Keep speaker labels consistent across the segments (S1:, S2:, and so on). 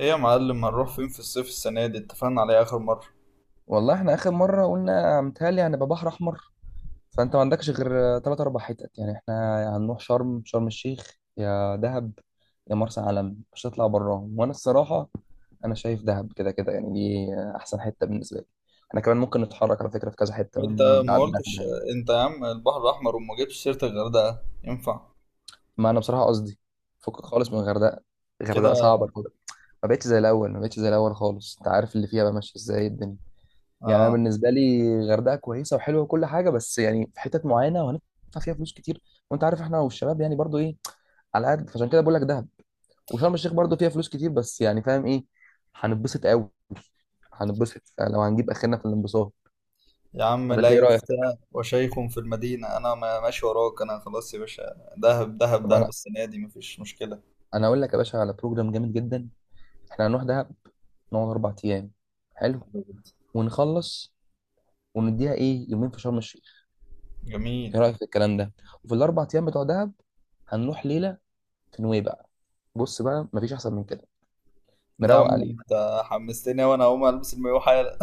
S1: ايه يا معلم، هنروح فين في الصيف السنة دي؟ اتفقنا عليه آخر مرة.
S2: والله احنا اخر مره قلنا متهيألي هنبقى بحر احمر. فانت ما عندكش غير ثلاث اربع حتت، يعني احنا يا هنروح شرم الشيخ يا دهب يا مرسى علم، مش هتطلع براهم وانا الصراحه. انا شايف دهب كده كده، يعني دي احسن حته بالنسبه لي. احنا كمان ممكن نتحرك على فكره في كذا حته
S1: انت
S2: من
S1: ما
S2: بعد دهب
S1: قلتش،
S2: يعني.
S1: انت يا عم البحر الأحمر وما جبتش سيرة الغردقة، ينفع
S2: ما انا بصراحه قصدي فكك خالص من الغردقه.
S1: كده؟
S2: الغردقه صعبه كده. ما بقتش زي الاول، ما بقتش زي الاول خالص. انت عارف اللي فيها بقى ماشيه ازاي الدنيا. يعني انا
S1: آه.
S2: بالنسبه لي الغردقه كويسه وحلوه وكل حاجه، بس يعني في حتت معينه وهندفع فيها فلوس كتير، وانت عارف احنا والشباب يعني برضو ايه، على قد فعشان كده بقول لك دهب. وشرم الشيخ برضو فيها فلوس كتير، بس يعني فاهم ايه هنتبسط قوي، هنتبسط لو هنجيب اخرنا في الانبساط.
S1: يا عم
S2: ولا انت
S1: لا
S2: ايه رايك؟
S1: يفتى وشيخ في المدينة. أنا ماشي وراك، أنا خلاص يا باشا. دهب دهب
S2: طب
S1: دهب
S2: انا
S1: السنة دي، مفيش مشكلة.
S2: انا اقول لك يا باشا على بروجرام جامد جدا. احنا هنروح دهب، نقعد اربع ايام حلو ونخلص، ونديها ايه يومين في شرم الشيخ.
S1: جميل.
S2: ايه رايك في الكلام ده؟ وفي الاربع ايام بتوع دهب هنروح ليله نوي بقى. بص بقى مفيش احسن من كده،
S1: يا
S2: مروق
S1: عم
S2: عليه.
S1: انت حمستني، وأنا هقوم ألبس المايوه حالا.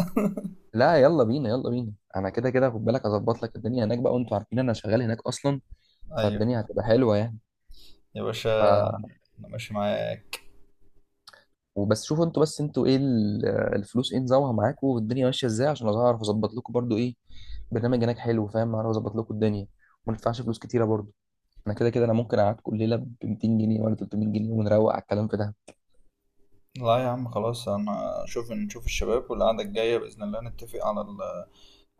S2: لا يلا بينا يلا بينا، انا كده كده خد بالك اظبط لك الدنيا هناك بقى، وانتوا عارفين انا شغال هناك اصلا،
S1: أيوه.
S2: فالدنيا هتبقى حلوه يعني.
S1: يا باشا،
S2: ف
S1: أنا ماشي معاك.
S2: وبس شوفوا انتوا بس انتوا ايه الفلوس ايه نظامها معاكم، والدنيا ماشيه ازاي عشان اعرف اظبط لكم برضو ايه برنامج هناك حلو، فاهم، اعرف اظبط لكم الدنيا وما ندفعش فلوس كتيره برضو. انا كده كده انا ممكن اقعدكم الليله ب 200 جنيه ولا 300 جنيه ونروق على الكلام في ده.
S1: لا يا عم خلاص، أنا نشوف الشباب، والقعدة الجاية بإذن الله نتفق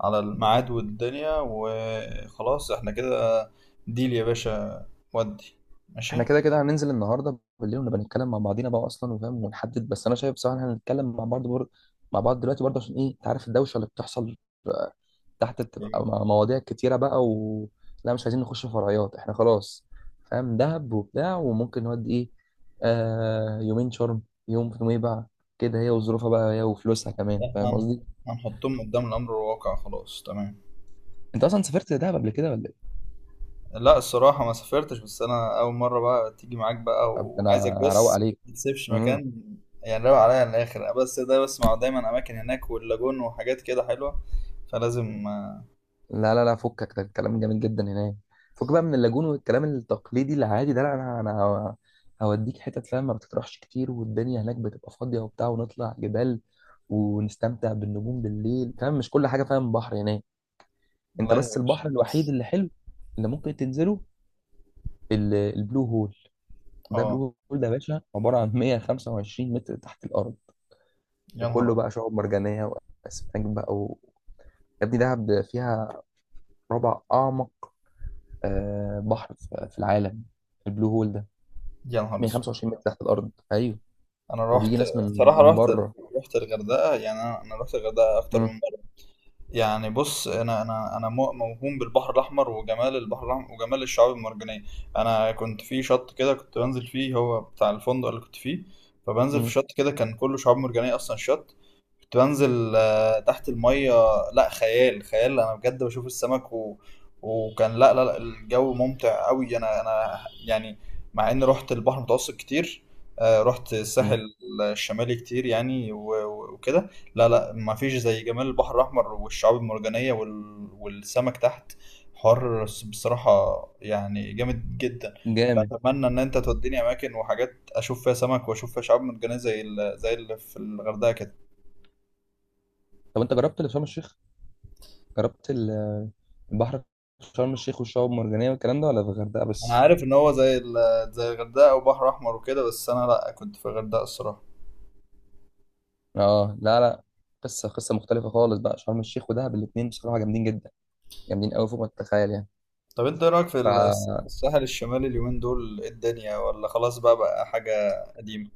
S1: على الميعاد والدنيا، وخلاص احنا كده. ديل يا باشا، ودي ماشي.
S2: احنا كده كده هننزل النهارده بالليل ونبقى نتكلم مع بعضينا بقى اصلا وفاهم ونحدد، بس انا شايف بصراحه إن احنا هنتكلم مع بعض دلوقتي برضه، عشان ايه انت عارف الدوشه اللي بتحصل آه، تحت بتبقى
S1: ايوه.
S2: مواضيع كتيره بقى و. لا مش عايزين نخش في فرعيات احنا خلاص، فاهم دهب وبتاع وممكن نودي ايه، آه يومين شرم، يوم في نويبع، كده هي وظروفها بقى هي وفلوسها كمان،
S1: احنا
S2: فاهم قصدي.
S1: هنحطهم قدام الامر الواقع، خلاص تمام.
S2: انت اصلا سافرت دهب قبل كده ولا ايه؟
S1: لا، الصراحة ما سافرتش. بس انا اول مرة بقى تيجي معاك بقى،
S2: طب انا
S1: وعايزك
S2: هروق
S1: بص.
S2: عليك.
S1: ما تسيبش
S2: إمم.
S1: مكان. يعني روق عليا الاخر، بس ده بسمع دايما اماكن هناك واللاجون وحاجات كده حلوة، فلازم.
S2: لا لا لا فكك ده، الكلام جميل جدا هناك. فك بقى من اللاجون والكلام التقليدي العادي ده، لا انا هوديك حتت، فاهم، ما بتطرحش كتير، والدنيا هناك بتبقى فاضيه وبتاع، ونطلع جبال ونستمتع بالنجوم بالليل، فاهم، مش كل حاجه، فاهم، بحر هناك. انت
S1: لا يا
S2: بس
S1: باشا.
S2: البحر الوحيد اللي حلو اللي ممكن تنزله البلو هول. ده
S1: اه.
S2: بلو هول ده يا باشا عباره عن 125 متر تحت الارض،
S1: يا نهار
S2: وكله
S1: أبيض.
S2: بقى شعاب مرجانيه واسماك بقى و... يا ابني دهب فيها ربع اعمق بحر في العالم. البلو هول ده
S1: يا نهار اسود.
S2: 125 متر تحت الارض ايوه،
S1: انا
S2: وبيجي
S1: رحت
S2: ناس من
S1: الصراحة
S2: من
S1: رحت.
S2: بره.
S1: رحت الغردقة، يعني أنا رحت الغردقة اكتر
S2: مم.
S1: من. يعني بص، انا موهوم بالبحر الاحمر وجمال البحر الاحمر وجمال الشعاب المرجانيه. انا كنت في شط كده كنت بنزل فيه، هو بتاع الفندق اللي كنت فيه. فبنزل في
S2: مم.
S1: شط كده كان كله شعاب مرجانيه اصلا الشط. كنت بنزل تحت الميه. لا، خيال خيال، انا بجد بشوف السمك و... وكان، لا لا لا، الجو ممتع قوي. انا يعني، مع اني رحت البحر المتوسط كتير. رحت الساحل
S2: مم.
S1: الشمالي كتير يعني وكده. لا لا، ما فيش زي جمال البحر الأحمر والشعاب المرجانية والسمك تحت. حوار بصراحة، يعني جامد جدا.
S2: جامد.
S1: فأتمنى إن أنت توديني أماكن وحاجات أشوف فيها سمك وأشوف فيها شعاب مرجانية زي اللي في الغردقة كده.
S2: طب انت جربت اللي في شرم الشيخ، جربت البحر في شرم الشيخ والشعاب المرجانيه والكلام ده، ولا في الغردقه
S1: أنا
S2: بس؟
S1: عارف إن هو زي الغردقة وبحر أحمر وكده، بس أنا لأ، كنت في الغردقة الصراحة.
S2: اه لا لا، قصه مختلفه خالص بقى، شرم الشيخ ودهب الاثنين بصراحه جامدين جدا، جامدين قوي فوق ما تتخيل يعني.
S1: طب أنت إيه رأيك في
S2: ف
S1: الساحل الشمالي اليومين دول؟ إيه الدنيا، ولا خلاص بقى حاجة قديمة؟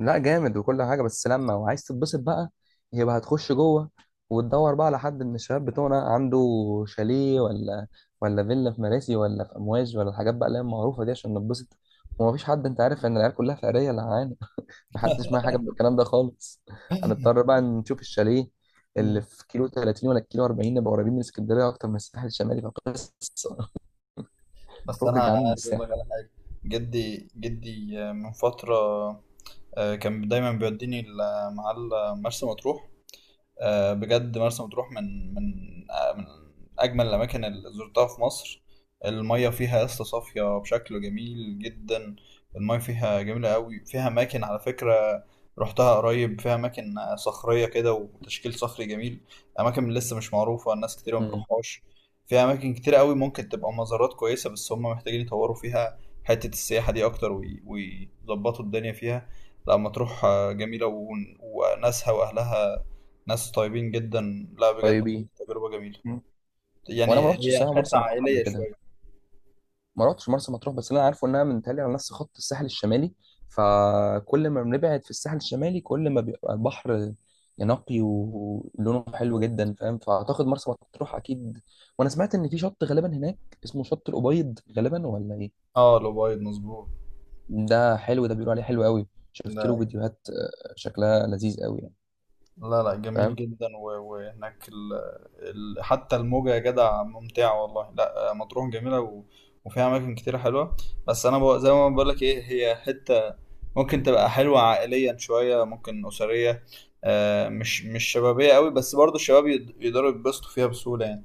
S2: لا جامد وكل حاجه، بس لما وعايز تتبسط بقى يبقى هتخش جوه وتدور بقى على حد من الشباب بتوعنا عنده شاليه، ولا فيلا في مراسي، ولا في امواج، ولا الحاجات بقى اللي هي المعروفه دي عشان نتبسط. ومفيش حد، انت عارف ان العيال كلها فقريه اللي معانا، محدش معاه حاجه من الكلام ده خالص. هنضطر بقى نشوف الشاليه اللي
S1: مم.
S2: في كيلو 30 ولا كيلو 40، نبقى قريبين من اسكندريه اكتر من الساحل الشمالي، فقصه.
S1: بس أنا
S2: فكك يا عم من
S1: عايز
S2: الساحل.
S1: أقول لك، جدي جدي من فترة، كان دايما بيوديني مرسى مطروح. بجد مرسى مطروح من من اجمل الاماكن اللي زرتها في مصر. الميه فيها يا اسطى صافيه بشكل جميل جدا. الميه فيها جميله قوي. فيها اماكن على فكره، رحتها قريب، فيها اماكن صخريه كده وتشكيل صخري جميل. اماكن لسه مش معروفه، الناس كتير ما
S2: مم.
S1: بتروحهاش. فيها اماكن كتير قوي ممكن تبقى مزارات كويسه، بس هم محتاجين يطوروا فيها حته السياحه دي اكتر ويظبطوا الدنيا فيها. لا مطروح جميله وناسها واهلها ناس طيبين جدا. لا
S2: طيب
S1: بجد،
S2: ايه؟
S1: تجربة جميلة.
S2: مم. وانا ما
S1: يعني
S2: رحتش
S1: هي
S2: الساحل
S1: حتة
S2: مرسى مطروح قبل
S1: عائلية
S2: كده،
S1: شوية.
S2: ما رحتش مرسى مطروح، بس اللي انا عارفه انها منتهيه على نفس خط الساحل الشمالي، فكل ما بنبعد في الساحل الشمالي كل ما بيبقى البحر نقي ولونه حلو
S1: مظبوط.
S2: جدا، فاهم، فاعتقد مرسى مطروح اكيد. وانا سمعت ان في شط غالبا هناك اسمه شط الابيض غالبا، ولا ايه؟
S1: اه، الأوبايد مظبوط.
S2: ده حلو، ده بيقولوا عليه حلو قوي، شفت له
S1: لا
S2: فيديوهات شكلها لذيذ قوي يعني،
S1: لا لا، جميل
S2: فاهم.
S1: جدا وهناك حتى الموجة يا جدع ممتعة والله. لا مطروح جميلة وفيها أماكن كتير حلوة. بس أنا زي ما بقول لك، إيه هي حتة ممكن تبقى حلوة عائليا شوية، ممكن أسرية. مش شبابية قوي، بس برضو الشباب يقدروا يتبسطوا فيها بسهولة يعني.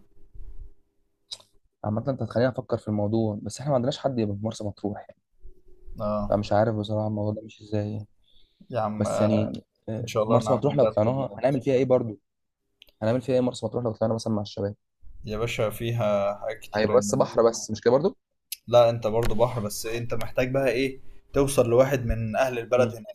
S2: عامة انت هتخليني افكر في الموضوع، بس احنا ما عندناش حد يبقى في مرسى مطروح يعني،
S1: اه
S2: فمش عارف بصراحة الموضوع ده مش ازاي يعني.
S1: يا عم،
S2: بس يعني
S1: إن شاء الله
S2: مرسى مطروح لو
S1: نرتب.
S2: طلعناها هنعمل فيها ايه برضو؟ هنعمل فيها ايه مرسى مطروح لو طلعنا مثلا مع الشباب؟
S1: يا باشا، فيها حاجات كتيرة
S2: هيبقى
S1: يعني
S2: بس
S1: انت.
S2: بحر، بس مش كده برضو.
S1: لا، انت برضو بحر بس، انت محتاج بقى ايه؟ توصل لواحد من اهل البلد
S2: مم.
S1: هنا.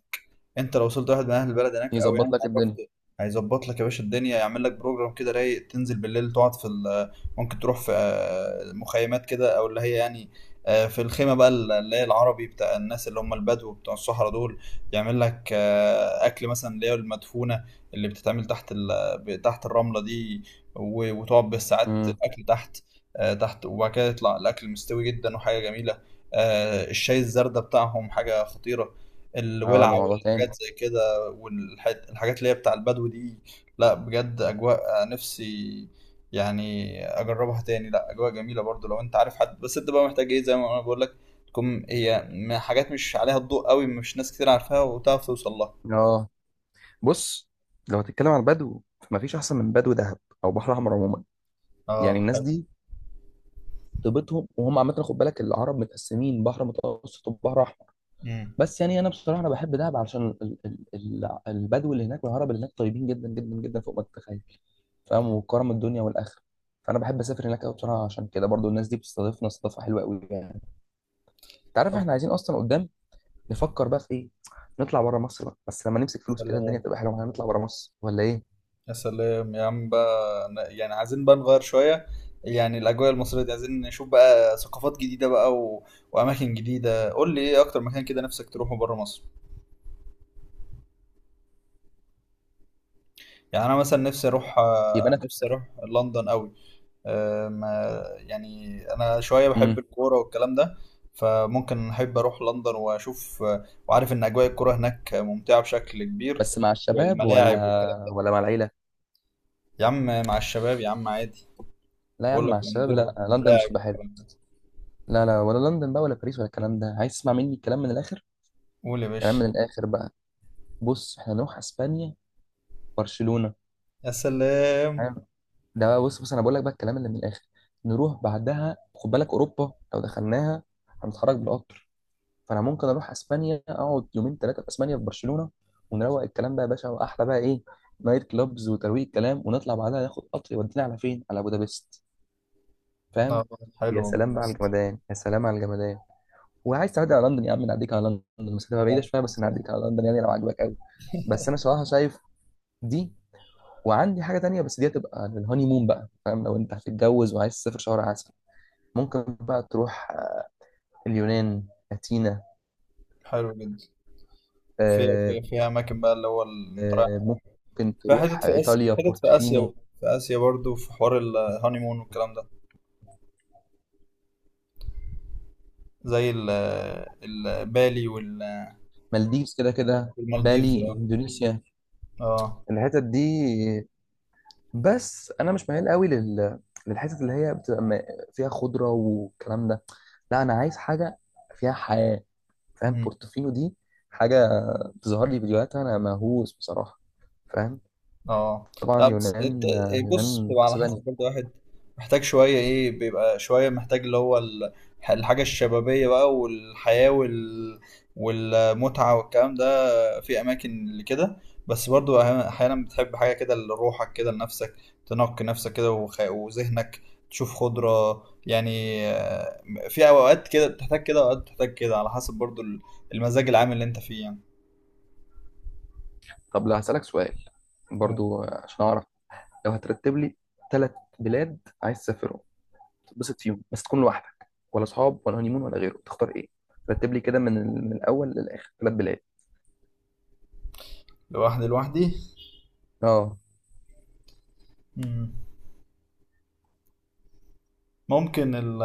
S1: انت لو وصلت واحد من اهل البلد هناك او يعني
S2: يظبط لك الدنيا.
S1: اتعرفت، هيظبط لك يا باشا الدنيا، يعمل لك بروجرام كده رايق تنزل بالليل تقعد في ال- آه، ممكن تروح في مخيمات كده، او اللي هي يعني في الخيمة بقى اللي هي العربي، بتاع الناس اللي هم البدو بتوع الصحراء دول. يعمل لك أكل مثلا، اللي هي المدفونة، اللي بتتعمل تحت الرملة دي، وتقعد بالساعات
S2: امم
S1: الأكل تحت. تحت، وبعد كده يطلع الأكل مستوي جدا وحاجة جميلة. الشاي الزردة بتاعهم حاجة خطيرة،
S2: اه، ده
S1: الولعة
S2: موضوع تاني.
S1: والحاجات زي كده، والحاجات اللي هي بتاع البدو دي. لا بجد، أجواء نفسي يعني أجربها تاني. لا، أجواء جميلة برضو لو أنت عارف حد. بس أنت بقى محتاج إيه زي ما أنا بقول لك، تكون هي حاجات مش عليها الضوء قوي، مش ناس كتير عارفاها وتعرف توصل لها.
S2: اه بص، لو هتتكلم عن البدو فمفيش احسن من بدو دهب او بحر احمر عموما. يعني
S1: اه،
S2: الناس
S1: حلو.
S2: دي طيبتهم، وهم عامه خد بالك العرب متقسمين بحر متوسط وبحر احمر،
S1: امم
S2: بس يعني انا بصراحه انا بحب دهب عشان البدو اللي هناك والعرب اللي هناك طيبين جدا جدا جدا فوق ما تتخيل، فاهم، وكرم الدنيا والاخره. فانا بحب اسافر هناك قوي بصراحه، عشان كده برضو الناس دي بتستضيفنا استضافه حلوه قوي يعني. انت عارف
S1: طب،
S2: احنا عايزين اصلا قدام نفكر بقى في ايه، نطلع بره مصر بقى بس لما نمسك فلوس كده، الدنيا
S1: سلام.
S2: تبقى حلوه معانا، نطلع بره مصر ولا ايه؟
S1: يا سلام يا عم بقى، يعني عايزين بقى نغير شوية، يعني الأجواء المصرية دي. عايزين نشوف بقى ثقافات جديدة بقى وأماكن جديدة. قول لي إيه أكتر مكان كده نفسك تروحه بره مصر؟ يعني انا مثلا نفسي اروح
S2: يبقى انا.
S1: آه، نفسي اروح لندن قوي. يعني انا شويه
S2: امم
S1: بحب الكوره والكلام ده، فممكن احب اروح لندن واشوف، وعارف ان اجواء الكوره هناك ممتعه بشكل كبير،
S2: بس مع الشباب
S1: والملاعب
S2: ولا
S1: والكلام ده.
S2: ولا مع العيله؟
S1: يا عم، مع الشباب يا عم، عادي.
S2: لا يا
S1: بقول
S2: عم
S1: لك
S2: مع الشباب،
S1: نزور
S2: لا لندن مش
S1: ملاعب
S2: تبقى حلوه،
S1: والكلام ده.
S2: لا لا، ولا لندن بقى ولا باريس ولا الكلام ده. عايز تسمع مني الكلام من الاخر؟
S1: قول يا
S2: كلام
S1: باشا.
S2: من الاخر بقى، بص احنا نروح اسبانيا، برشلونه،
S1: يا سلام،
S2: تمام. ده بقى بص انا بقول لك بقى الكلام اللي من الاخر. نروح بعدها خد بالك، اوروبا لو دخلناها هنتحرك بالقطر. فانا ممكن اروح اسبانيا، اقعد يومين ثلاثه في اسبانيا في برشلونه، ونروق الكلام بقى يا باشا، واحلى بقى ايه، نايت كلابز وترويق الكلام، ونطلع بعدها ناخد قطر يودينا على فين، على بودابست، فاهم.
S1: آه،
S2: يا
S1: حلو
S2: سلام بقى على الجمدان، يا سلام على الجمدان. وعايز تعدي على لندن يا عم نعديك على لندن، المسافه
S1: يا
S2: بعيده
S1: عم،
S2: شويه بس نعديك على لندن، يعني لو عجبك قوي. بس انا صراحه شايف دي، وعندي حاجة تانية بس دي هتبقى للهاني مون بقى، فاهم، لو انت هتتجوز وعايز تسافر شهر عسل ممكن بقى تروح اليونان، أثينا،
S1: حلو جدا. فيها
S2: آه،
S1: فيها فيها اماكن بقى اللي هو،
S2: آه، ممكن
S1: في حتت
S2: تروح
S1: في آسيا،
S2: إيطاليا،
S1: حتت في آسيا بقى.
S2: بورتوفينو.
S1: في آسيا برضو في حوار الهانيمون والكلام ده، زي بالي
S2: مالديفز كده كده،
S1: والمالديفز.
S2: بالي،
S1: اه.
S2: إندونيسيا،
S1: اه.
S2: الحتت دي، بس أنا مش ميال قوي لل للحتت اللي هي بتبقى فيها خضرة والكلام ده. لا أنا عايز حاجة فيها حياة، فاهم.
S1: مم.
S2: بورتوفينو دي حاجة تظهر لي فيديوهاتها، أنا مهووس بصراحة، فاهم.
S1: اه.
S2: طبعا
S1: لا، بس انت
S2: يونان آه،
S1: إيه؟ بص،
S2: يونان
S1: بتبقى على
S2: قصة
S1: حسب
S2: تانية.
S1: برضو واحد محتاج شوية ايه، بيبقى شوية محتاج اللي هو الحاجة الشبابية بقى، والحياة والمتعة والكلام ده. في اماكن لكده، بس برضو احيانا بتحب حاجه كده لروحك كده لنفسك، تنقي نفسك كده وذهنك، تشوف خضره يعني. في اوقات كده بتحتاج كده، اوقات بتحتاج كده، على حسب برضو المزاج العام اللي انت فيه يعني.
S2: طب لا هسألك سؤال
S1: أو،
S2: برضو عشان أعرف، لو هترتب لي ثلاث بلاد عايز تسافرهم تتبسط فيهم بس، تكون لوحدك ولا أصحاب ولا هنيمون ولا غيره، تختار إيه؟ رتب لي كده من الأول للآخر ثلاث بلاد.
S1: لوحدي، لوحدي.
S2: اه
S1: مم. ممكن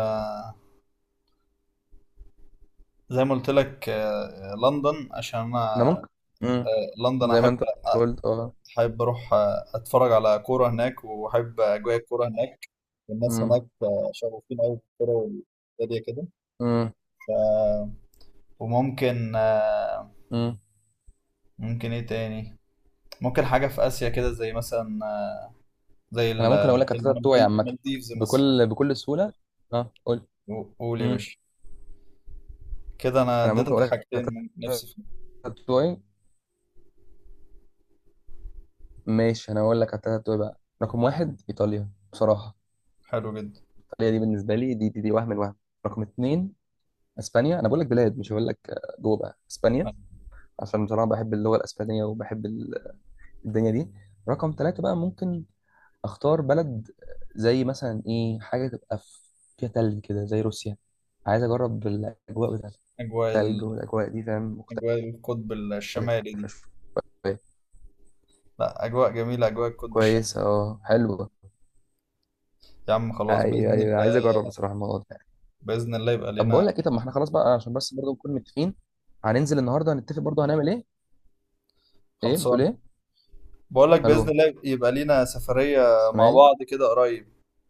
S1: زي ما قلت لك لندن عشان انا،
S2: أنا ممكن. مم.
S1: لندن،
S2: زي ما
S1: احب
S2: أنت قلت اه.
S1: احب اروح اتفرج على كوره هناك، واحب اجواء الكوره هناك. الناس
S2: مم.
S1: هناك شغوفين قوي بالكوره، والدنيا كده.
S2: مم.
S1: وممكن،
S2: مم.
S1: ممكن ايه تاني؟ ممكن حاجة في آسيا كده، زي مثلا زي
S2: أنا ممكن أقول لك التلاتة بتوعي عامة،
S1: المالديفز مثلا.
S2: بكل سهولة. اه قول.
S1: قول يا
S2: مم.
S1: باشا. كده انا
S2: أنا ممكن
S1: اديتك
S2: أقول لك
S1: حاجتين
S2: التلاتة
S1: من نفسي فيهم.
S2: بتوعي. ماشي انا اقول لك على التلاتة بتوعي بقى. رقم واحد ايطاليا بصراحه،
S1: حلو جدا.
S2: ايطاليا دي بالنسبه لي، دي وهم الوهم. رقم اتنين اسبانيا، انا بقول لك بلاد مش هقول لك جوه بقى اسبانيا، عشان بصراحه بحب اللغه الاسبانيه وبحب الدنيا دي. رقم تلاته بقى ممكن اختار بلد، زي مثلا ايه، حاجه تبقى فيها تلج كده زي روسيا، عايز اجرب الاجواء بتاعت
S1: اجواء
S2: التلج والاجواء دي، فاهم، مختلفه
S1: اجواء القطب الشمالي دي.
S2: شويه.
S1: لا، اجواء جميلة اجواء القطب الشمالي.
S2: كويسه اه حلوه.
S1: يا عم خلاص
S2: ايوه
S1: بإذن الله.
S2: ايوه، عايز اجرب بصراحه الموضوع ده.
S1: بإذن الله يبقى
S2: طب بقول
S1: لينا.
S2: لك ايه، طب ما احنا خلاص بقى، عشان بس برضه نكون متفقين هننزل النهارده هنتفق برضه هنعمل ايه؟ ايه بتقول
S1: خلصان.
S2: ايه؟
S1: بقول لك بإذن
S2: الو،
S1: الله يبقى لينا سفرية مع
S2: سامعني؟
S1: بعض كده قريب.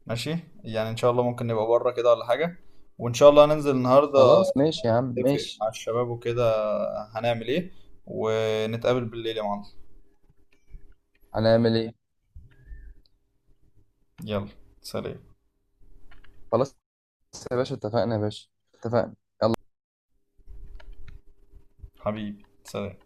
S1: ماشي. يعني ان شاء الله ممكن نبقى بره كده ولا حاجة. وان شاء الله هننزل النهارده
S2: خلاص ماشي يا عم
S1: نتفق
S2: ماشي،
S1: مع الشباب وكده، هنعمل ايه، ونتقابل بالليل يا معلم.
S2: هنعمل ايه.
S1: يلا، سلام.
S2: خلاص يا باشا اتفقنا، يا باشا اتفقنا.
S1: حبيبي، سلام.